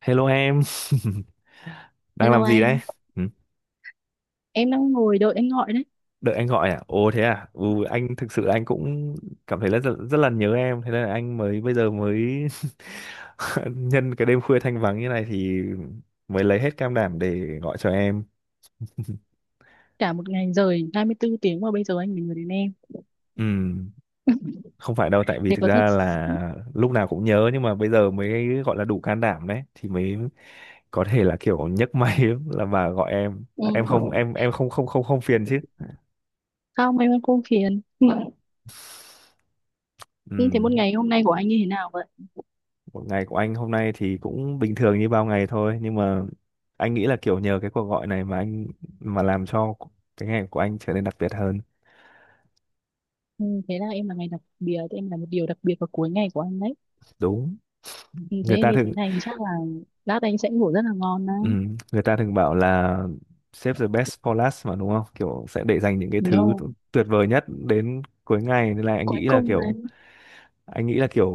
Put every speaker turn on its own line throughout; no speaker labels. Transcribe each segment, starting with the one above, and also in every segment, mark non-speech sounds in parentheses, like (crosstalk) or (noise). Hello em, (laughs) đang
Hello
làm gì đấy?
anh,
Ừ.
em đang ngồi đợi anh gọi đấy.
Đợi anh gọi à? Ồ thế à? Ừ, anh thực sự anh cũng cảm thấy là rất rất là nhớ em, thế nên là anh mới bây giờ mới (laughs) nhân cái đêm khuya thanh vắng như này thì mới lấy hết can đảm để gọi cho em. (laughs)
Cả một ngày rồi, 24 tiếng mà bây giờ anh mới nhớ đến em.
Ừ, không phải đâu, tại vì
Thế
thực
có thật...
ra là lúc nào cũng nhớ nhưng mà bây giờ mới gọi là đủ can đảm đấy, thì mới có thể là kiểu nhấc máy (laughs) là mà gọi em.
Ừ.
Em không em em không không không không phiền chứ?
Không, em không phiền. Ừ. Thế
Ừ.
một ngày hôm nay của anh như thế nào vậy?
Một ngày của anh hôm nay thì cũng bình thường như bao ngày thôi, nhưng mà anh nghĩ là kiểu nhờ cái cuộc gọi này mà làm cho cái ngày của anh trở nên đặc biệt hơn.
Ừ, thế là em là ngày đặc biệt, em là một điều đặc biệt vào cuối ngày của anh đấy.
Đúng.
Ừ,
Người
thế
ta
như thế
thường
này thì chắc là lát anh sẽ ngủ rất là ngon đấy.
người ta thường bảo là save the best for last mà đúng không? Kiểu sẽ để dành những cái thứ
No,
tuyệt vời nhất đến cuối ngày, nên là anh
cuối
nghĩ là
cùng mà.
kiểu anh nghĩ là kiểu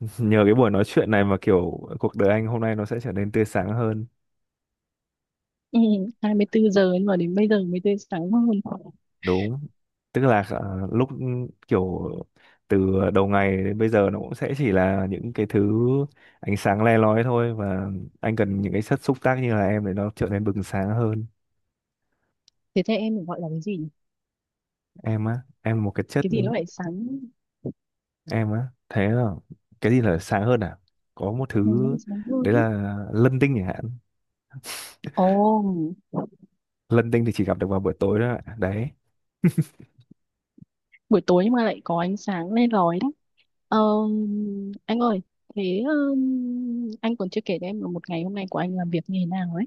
(laughs) nhờ cái buổi nói chuyện này mà kiểu cuộc đời anh hôm nay nó sẽ trở nên tươi sáng hơn.
Ừ, 24 giờ nhưng mà đến bây giờ mới tới sáng hơn.
Đúng, tức là lúc kiểu từ đầu ngày đến bây giờ nó cũng sẽ chỉ là những cái thứ ánh sáng le lói thôi, và anh cần những cái chất xúc tác như là em để nó trở nên bừng sáng hơn.
Thế thế em gọi là cái gì nhỉ?
Em á, em là một cái chất.
Cái gì nó lại sáng?
Em á, thế là cái gì là sáng hơn à? Có một
Ừ, nó
thứ
lại sáng hơn.
đấy là lân tinh chẳng hạn.
Ồ,
Lân tinh thì chỉ gặp được vào buổi tối thôi ạ. Đấy.
buổi tối nhưng mà lại có ánh sáng le lói đấy. Ờ, anh ơi, thế anh còn chưa kể cho em là một ngày hôm nay của anh làm việc như thế nào ấy.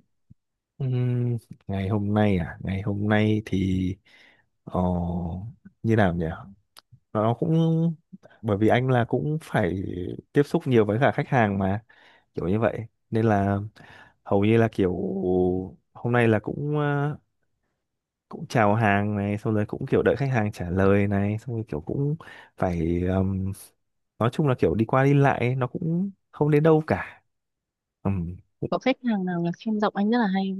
Ừm, ngày hôm nay thì ờ, như nào nhỉ, nó cũng bởi vì anh là cũng phải tiếp xúc nhiều với cả khách hàng mà kiểu như vậy, nên là hầu như là kiểu hôm nay là cũng cũng chào hàng này xong rồi cũng kiểu đợi khách hàng trả lời này xong rồi kiểu cũng phải nói chung là kiểu đi qua đi lại ấy, nó cũng không đến đâu cả. Cũng
Có khách hàng nào là khen giọng anh rất là hay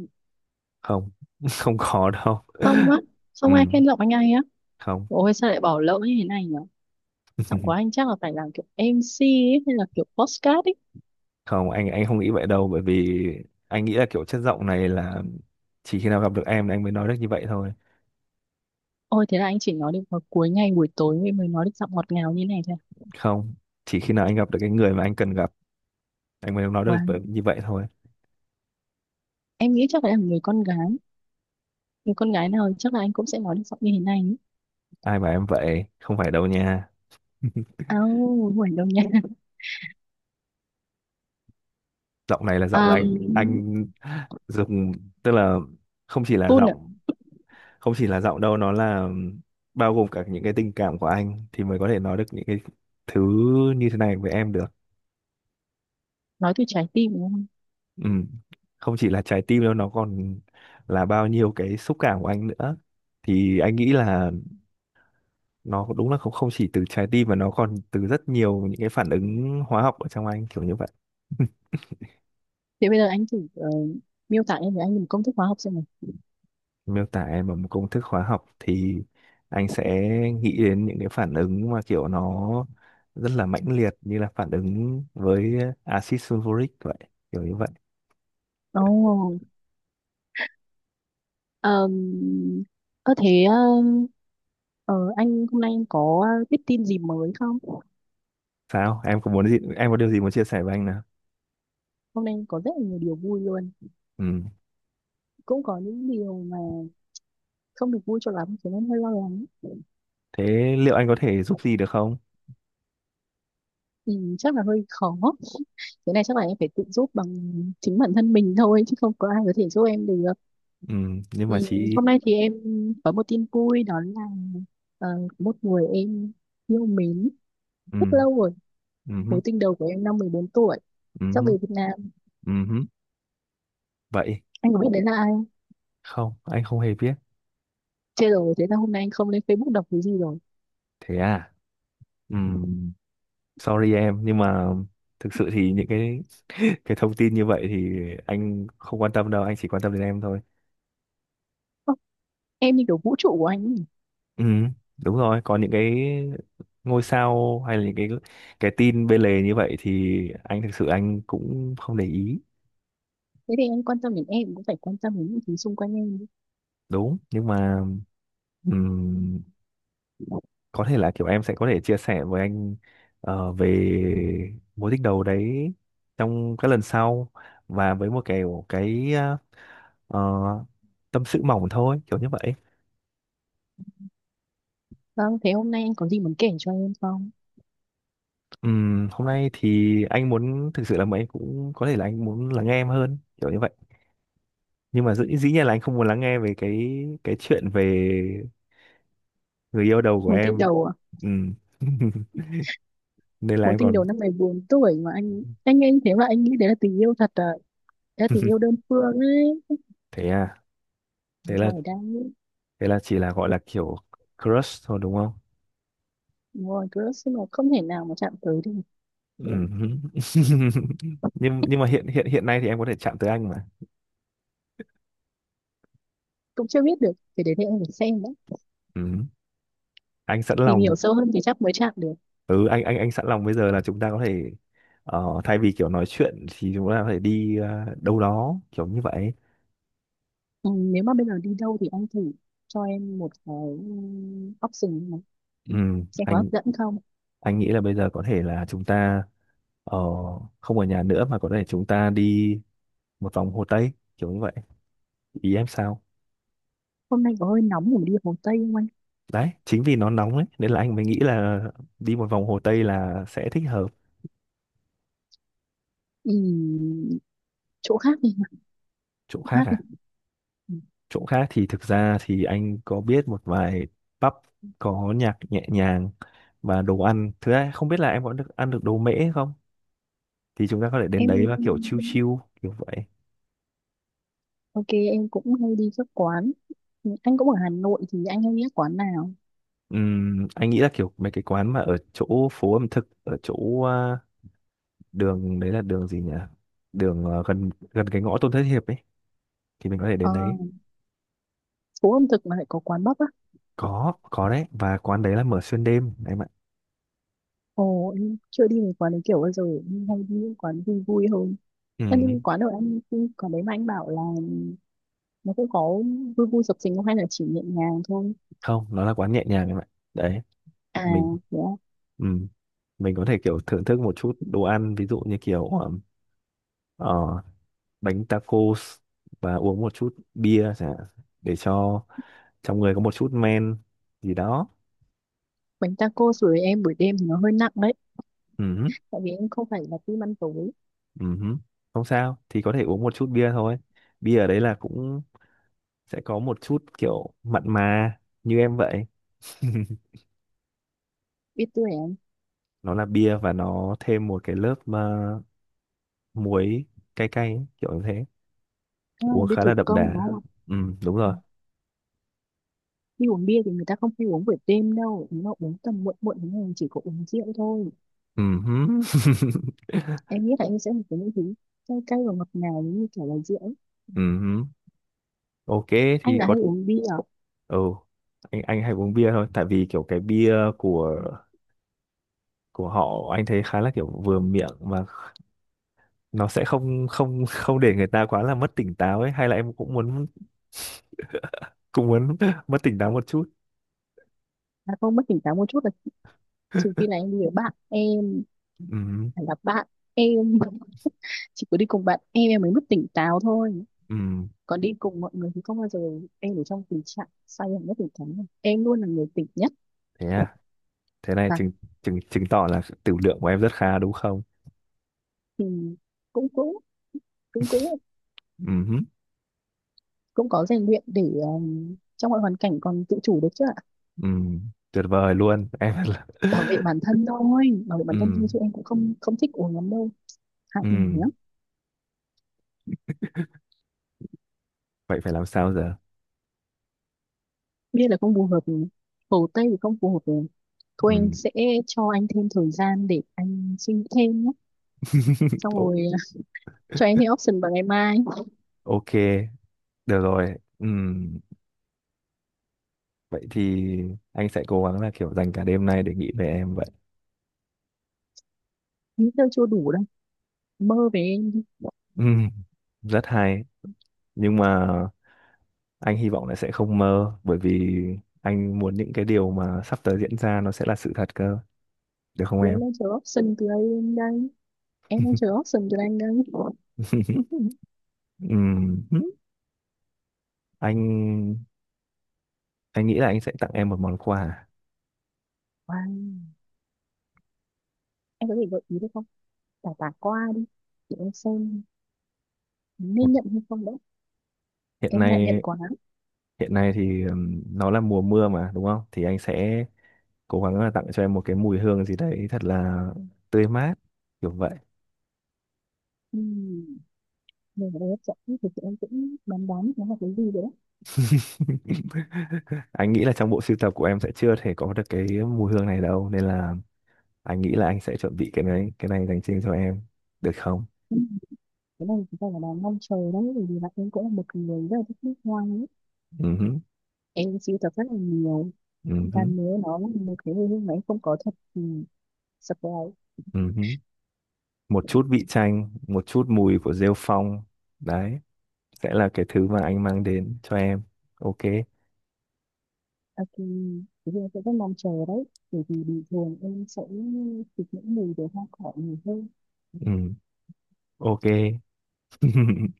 không. (laughs) Không có đâu.
không? Không á? Không ai
Ừm,
khen giọng anh hay á?
không.
Ôi sao lại bỏ lỡ như thế này nhở. Giọng của
(laughs)
anh chắc là phải làm kiểu MC ấy, hay là kiểu podcast ấy.
Không anh không nghĩ vậy đâu, bởi vì anh nghĩ là kiểu chất giọng này là chỉ khi nào gặp được em là anh mới nói được như vậy thôi.
Ôi thế là anh chỉ nói được vào cuối ngày buổi tối mới mới nói được giọng ngọt ngào như này thôi à?
Không, chỉ khi nào anh gặp được cái người mà anh cần gặp anh mới nói được
Wow,
như vậy thôi.
em nghĩ chắc phải là người con gái, người con gái nào chắc là anh cũng sẽ nói được giọng như thế này ấy.
Ai mà em vậy, không phải đâu nha. (laughs)
Ao, ngoài đâu nha.
Giọng này là giọng anh
um,
anh dùng, tức là không chỉ là giọng không chỉ là giọng đâu, nó là bao gồm cả những cái tình cảm của anh thì mới có thể nói được những cái thứ như thế này với em được.
nói từ trái tim đúng không?
Ừ. Không chỉ là trái tim đâu, nó còn là bao nhiêu cái xúc cảm của anh nữa, thì anh nghĩ là nó đúng là không không chỉ từ trái tim mà nó còn từ rất nhiều những cái phản ứng hóa học ở trong anh, kiểu như vậy.
Thế bây giờ anh thử miêu tả em với anh một công thức hóa học xem nào.
Miêu tả em bằng một công thức hóa học thì anh sẽ nghĩ đến những cái phản ứng mà kiểu nó rất là mãnh liệt, như là phản ứng với axit sulfuric vậy, kiểu như vậy.
Ồ. ờm, Ơ thế ờ, anh hôm nay anh có biết tin gì mới không?
Sao em, có muốn gì, em có điều gì muốn chia sẻ với anh nào?
Hôm nay anh có rất là nhiều điều vui luôn.
Ừ.
Cũng có những điều mà không được vui cho lắm, thế nên hơi lo lắng.
Thế liệu anh có thể giúp gì được không?
Ừ, chắc là hơi khó. Thế này chắc là em phải tự giúp bằng chính bản thân mình thôi, chứ không có ai có thể giúp em được.
Ừ. Nhưng
Ừ,
mà chị.
hôm nay thì em có một tin vui đó là ờ, một người em yêu mến rất
Ừ.
lâu rồi, mối
Ừ.
tình đầu của em năm 14 tuổi, sắp
Ừ.
về Việt Nam.
Ừ. Ừ. Vậy.
Anh có biết đấy là ai không?
Không, anh không hề biết.
Chết rồi, thế là hôm nay anh không lên Facebook đọc cái gì rồi.
Thế à. Ừ. Sorry em, nhưng mà thực sự thì những cái (laughs) cái thông tin như vậy thì anh không quan tâm đâu, anh chỉ quan tâm đến em thôi.
Ơ, em như kiểu vũ trụ của anh ấy.
Ừ, đúng rồi, còn những cái ngôi sao hay là những cái tin bên lề như vậy thì anh thực sự anh cũng không để ý.
Thế thì anh quan tâm đến em cũng phải quan tâm đến những thứ xung quanh em chứ.
Đúng, nhưng mà ừm, có thể là kiểu em sẽ có thể chia sẻ với anh về mối tình đầu đấy trong các lần sau, và với một kiểu cái ờ, tâm sự mỏng thôi, kiểu như vậy.
Vâng, thế hôm nay anh có gì muốn kể cho em không?
Hôm nay thì anh muốn thực sự là mấy cũng có thể là anh muốn lắng nghe em hơn kiểu như vậy, nhưng mà dĩ nhiên là anh không muốn lắng nghe về cái chuyện về người yêu đầu của
Mối tình
em.
đầu à?
Ừm. (laughs) Nên là
Mối
em
tình đầu
còn.
năm 14 tuổi mà anh nghe như thế mà anh nghĩ đấy là tình yêu thật à? Đấy là tình yêu đơn
(laughs)
phương ấy.
Thế à, thế là
Rồi đang
thế là chỉ là gọi là kiểu crush thôi đúng không?
đúng rồi, cứ nhưng mà không thể nào mà chạm tới được.
Ừm. (laughs) Nhưng mà hiện hiện hiện nay thì em có thể chạm tới anh mà.
Cũng chưa biết được, cái đấy thì đến đây em phải xem đấy,
Ừm. Anh sẵn
tìm hiểu
lòng.
sâu hơn thì chắc mới chạm được.
Ừ, anh sẵn lòng. Bây giờ là chúng ta có thể thay vì kiểu nói chuyện thì chúng ta có thể đi đâu đó, kiểu như vậy.
Ừ, nếu mà bây giờ đi đâu thì anh thử cho em một cái option này
Ừ,
xem có hấp
anh
dẫn không.
anh nghĩ là bây giờ có thể là chúng ta ờ, không ở nhà nữa, mà có thể chúng ta đi một vòng Hồ Tây, kiểu như vậy. Ý em sao?
Hôm nay có hơi nóng để mà đi Hồ Tây không anh?
Đấy, chính vì nó nóng ấy nên là anh mới nghĩ là đi một vòng Hồ Tây là sẽ thích hợp.
Ừ, chỗ khác đi.
Chỗ
Chỗ
khác
khác đi.
à?
Ừ.
Chỗ khác thì thực ra thì anh có biết một vài pub có nhạc nhẹ nhàng và đồ ăn. Thứ hai, không biết là em có được ăn được đồ mễ không? Thì chúng ta có thể đến
Em
đấy và kiểu chill chill, kiểu vậy.
ok, em cũng hay đi các quán. Ừ, anh cũng ở Hà Nội thì anh hay đi các quán nào?
Anh nghĩ là kiểu mấy cái quán mà ở chỗ phố ẩm thực, ở chỗ đường đấy là đường gì nhỉ? Đường à, gần gần cái ngõ Tôn Thất Hiệp ấy thì mình có thể
Ờ,
đến đấy.
phố ẩm thực mà lại có quán bắp á?
Có đấy, và quán đấy là mở xuyên đêm em ạ.
Ồ, em chưa đi về quán đấy kiểu bao giờ, em hay đi những quán vui vui hơn. Em đi
Ừm.
quán ở anh, quán đấy mà anh bảo là nó cũng có vui vui sập sình không, hay là chỉ nhẹ nhàng thôi?
Không, nó là quán nhẹ nhàng em ạ. Đấy,
À,
mình
dạ.
ừm, mình có thể kiểu thưởng thức một chút đồ ăn, ví dụ như kiểu ờ, bánh tacos và uống một chút bia chẳng hạn, để cho trong người có một chút men gì đó.
Bánh taco sủi em buổi đêm thì nó hơi nặng đấy.
Ừ.
Tại vì em không phải là tim ăn tối.
Ừ, không sao, thì có thể uống một chút bia thôi. Bia ở đấy là cũng sẽ có một chút kiểu mặn mà như em vậy.
Biết tuổi em.
Nó là bia và nó thêm một cái lớp mà muối cay cay ấy, kiểu như thế.
À,
Uống
biết
khá là
thủ
đậm
công
đà.
đúng không?
Ừ, đúng
Ừ.
rồi.
Đi uống bia thì người ta không hay uống buổi đêm đâu. Nếu mà uống tầm muộn muộn thì mình chỉ có uống rượu thôi.
ừm (laughs) ừm
Em nghĩ là em sẽ một cái những thứ cay cay và ngọt ngào như kiểu là rượu.
Ok,
Anh
thì
là
có.
hay uống bia à?
Ừ, anh hay uống bia thôi, tại vì kiểu cái bia của họ anh thấy khá là kiểu vừa miệng, mà nó sẽ không không không để người ta quá là mất tỉnh táo ấy, hay là em cũng muốn (laughs) mất tỉnh táo một chút.
À, không mất tỉnh táo một chút là trừ khi là em đi với bạn em.
Ừm,
Phải là bạn em. (laughs) Chỉ có đi cùng bạn em mới mất tỉnh táo thôi.
ừm,
Còn đi cùng mọi người thì không bao giờ em ở trong tình trạng say hẳn, nhất thể thắng này em luôn là người tỉnh nhất.
Thế à? Thế này
Và
chứng chứng chứng tỏ là tửu lượng của em rất khá đúng không?
thì cũng cũng cũng cũng
Ừm,
cũng có rèn luyện để trong mọi hoàn cảnh còn tự chủ được chứ ạ.
ừm, Tuyệt vời luôn em. (laughs) là
Bảo vệ bản thân thôi, bảo vệ bản thân thôi, chứ
Ừm,
em cũng không không thích uống lắm đâu. Hạng nhé.
ừm, Vậy phải làm sao giờ?
Bia là không phù hợp, Hồ Tây thì không phù hợp rồi. Thôi anh
Ừm.
sẽ cho anh thêm thời gian để anh suy nghĩ thêm nhé.
(laughs)
Xong
O-
rồi à, cho em thêm option vào ngày mai.
ok, được rồi. Ừm, Vậy thì anh sẽ cố gắng là kiểu dành cả đêm nay để nghĩ về em vậy.
Nghĩ tôi chưa đủ đâu, mơ về em đi.
Ừm, Rất hay, nhưng mà anh hy vọng là sẽ không mơ, bởi vì anh muốn những cái điều mà sắp tới diễn ra nó sẽ là sự thật cơ, được không
Chị ấy
em?
lên chờ option từ đây, đây em đang chờ option cho anh đây. Wow.
(laughs) Ừm, anh anh nghĩ là anh sẽ tặng em một món quà.
Em có thể gợi ý được không, tả tả qua đi để em xem
một,
nên nhận hay không đấy.
hiện
Em ngại nhận
nay
quá.
hiện nay thì nó là mùa mưa mà đúng không, thì anh sẽ cố gắng là tặng cho em một cái mùi hương gì đấy thật là tươi mát, kiểu vậy.
Uhm. Nên ở đây hấp dẫn thì chị em cũng đoán đoán nó là cái gì rồi đấy.
(laughs) Anh nghĩ là trong bộ sưu tập của em sẽ chưa thể có được cái mùi hương này đâu, nên là anh nghĩ là anh sẽ chuẩn bị cái này dành riêng cho em, được không?
Ừm, cái này chúng ta là đang mong chờ đấy, bởi vì là em cũng là một người rất là thích nước hoa ấy.
Ừ hứ,
Em sưu tập rất là nhiều.
ừ hứ,
Và nếu nó là một cái hồi hương mà em không có thật thì surprise.
ừ hứ. Một chút vị chanh, một chút mùi của rêu phong, đấy sẽ là cái thứ mà anh mang đến cho em. Ok.
Ok, thì em sẽ rất mong chờ đấy, bởi vì bình thường em sẽ thích những mùi về hoa cỏ nhiều hơn.
Ừ. Ok. (laughs)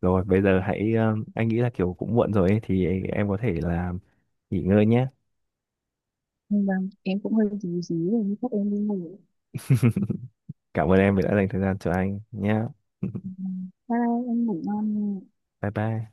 Rồi, bây giờ hãy anh nghĩ là kiểu cũng muộn rồi ấy, thì em có thể là nghỉ ngơi nhé.
Vâng, em cũng hơi dí dí rồi, nhưng chắc em đi ngủ.
Cảm ơn em vì đã dành thời gian cho anh nhé. (laughs)
Bye bye, em ngủ ngon nha.
Bye bye.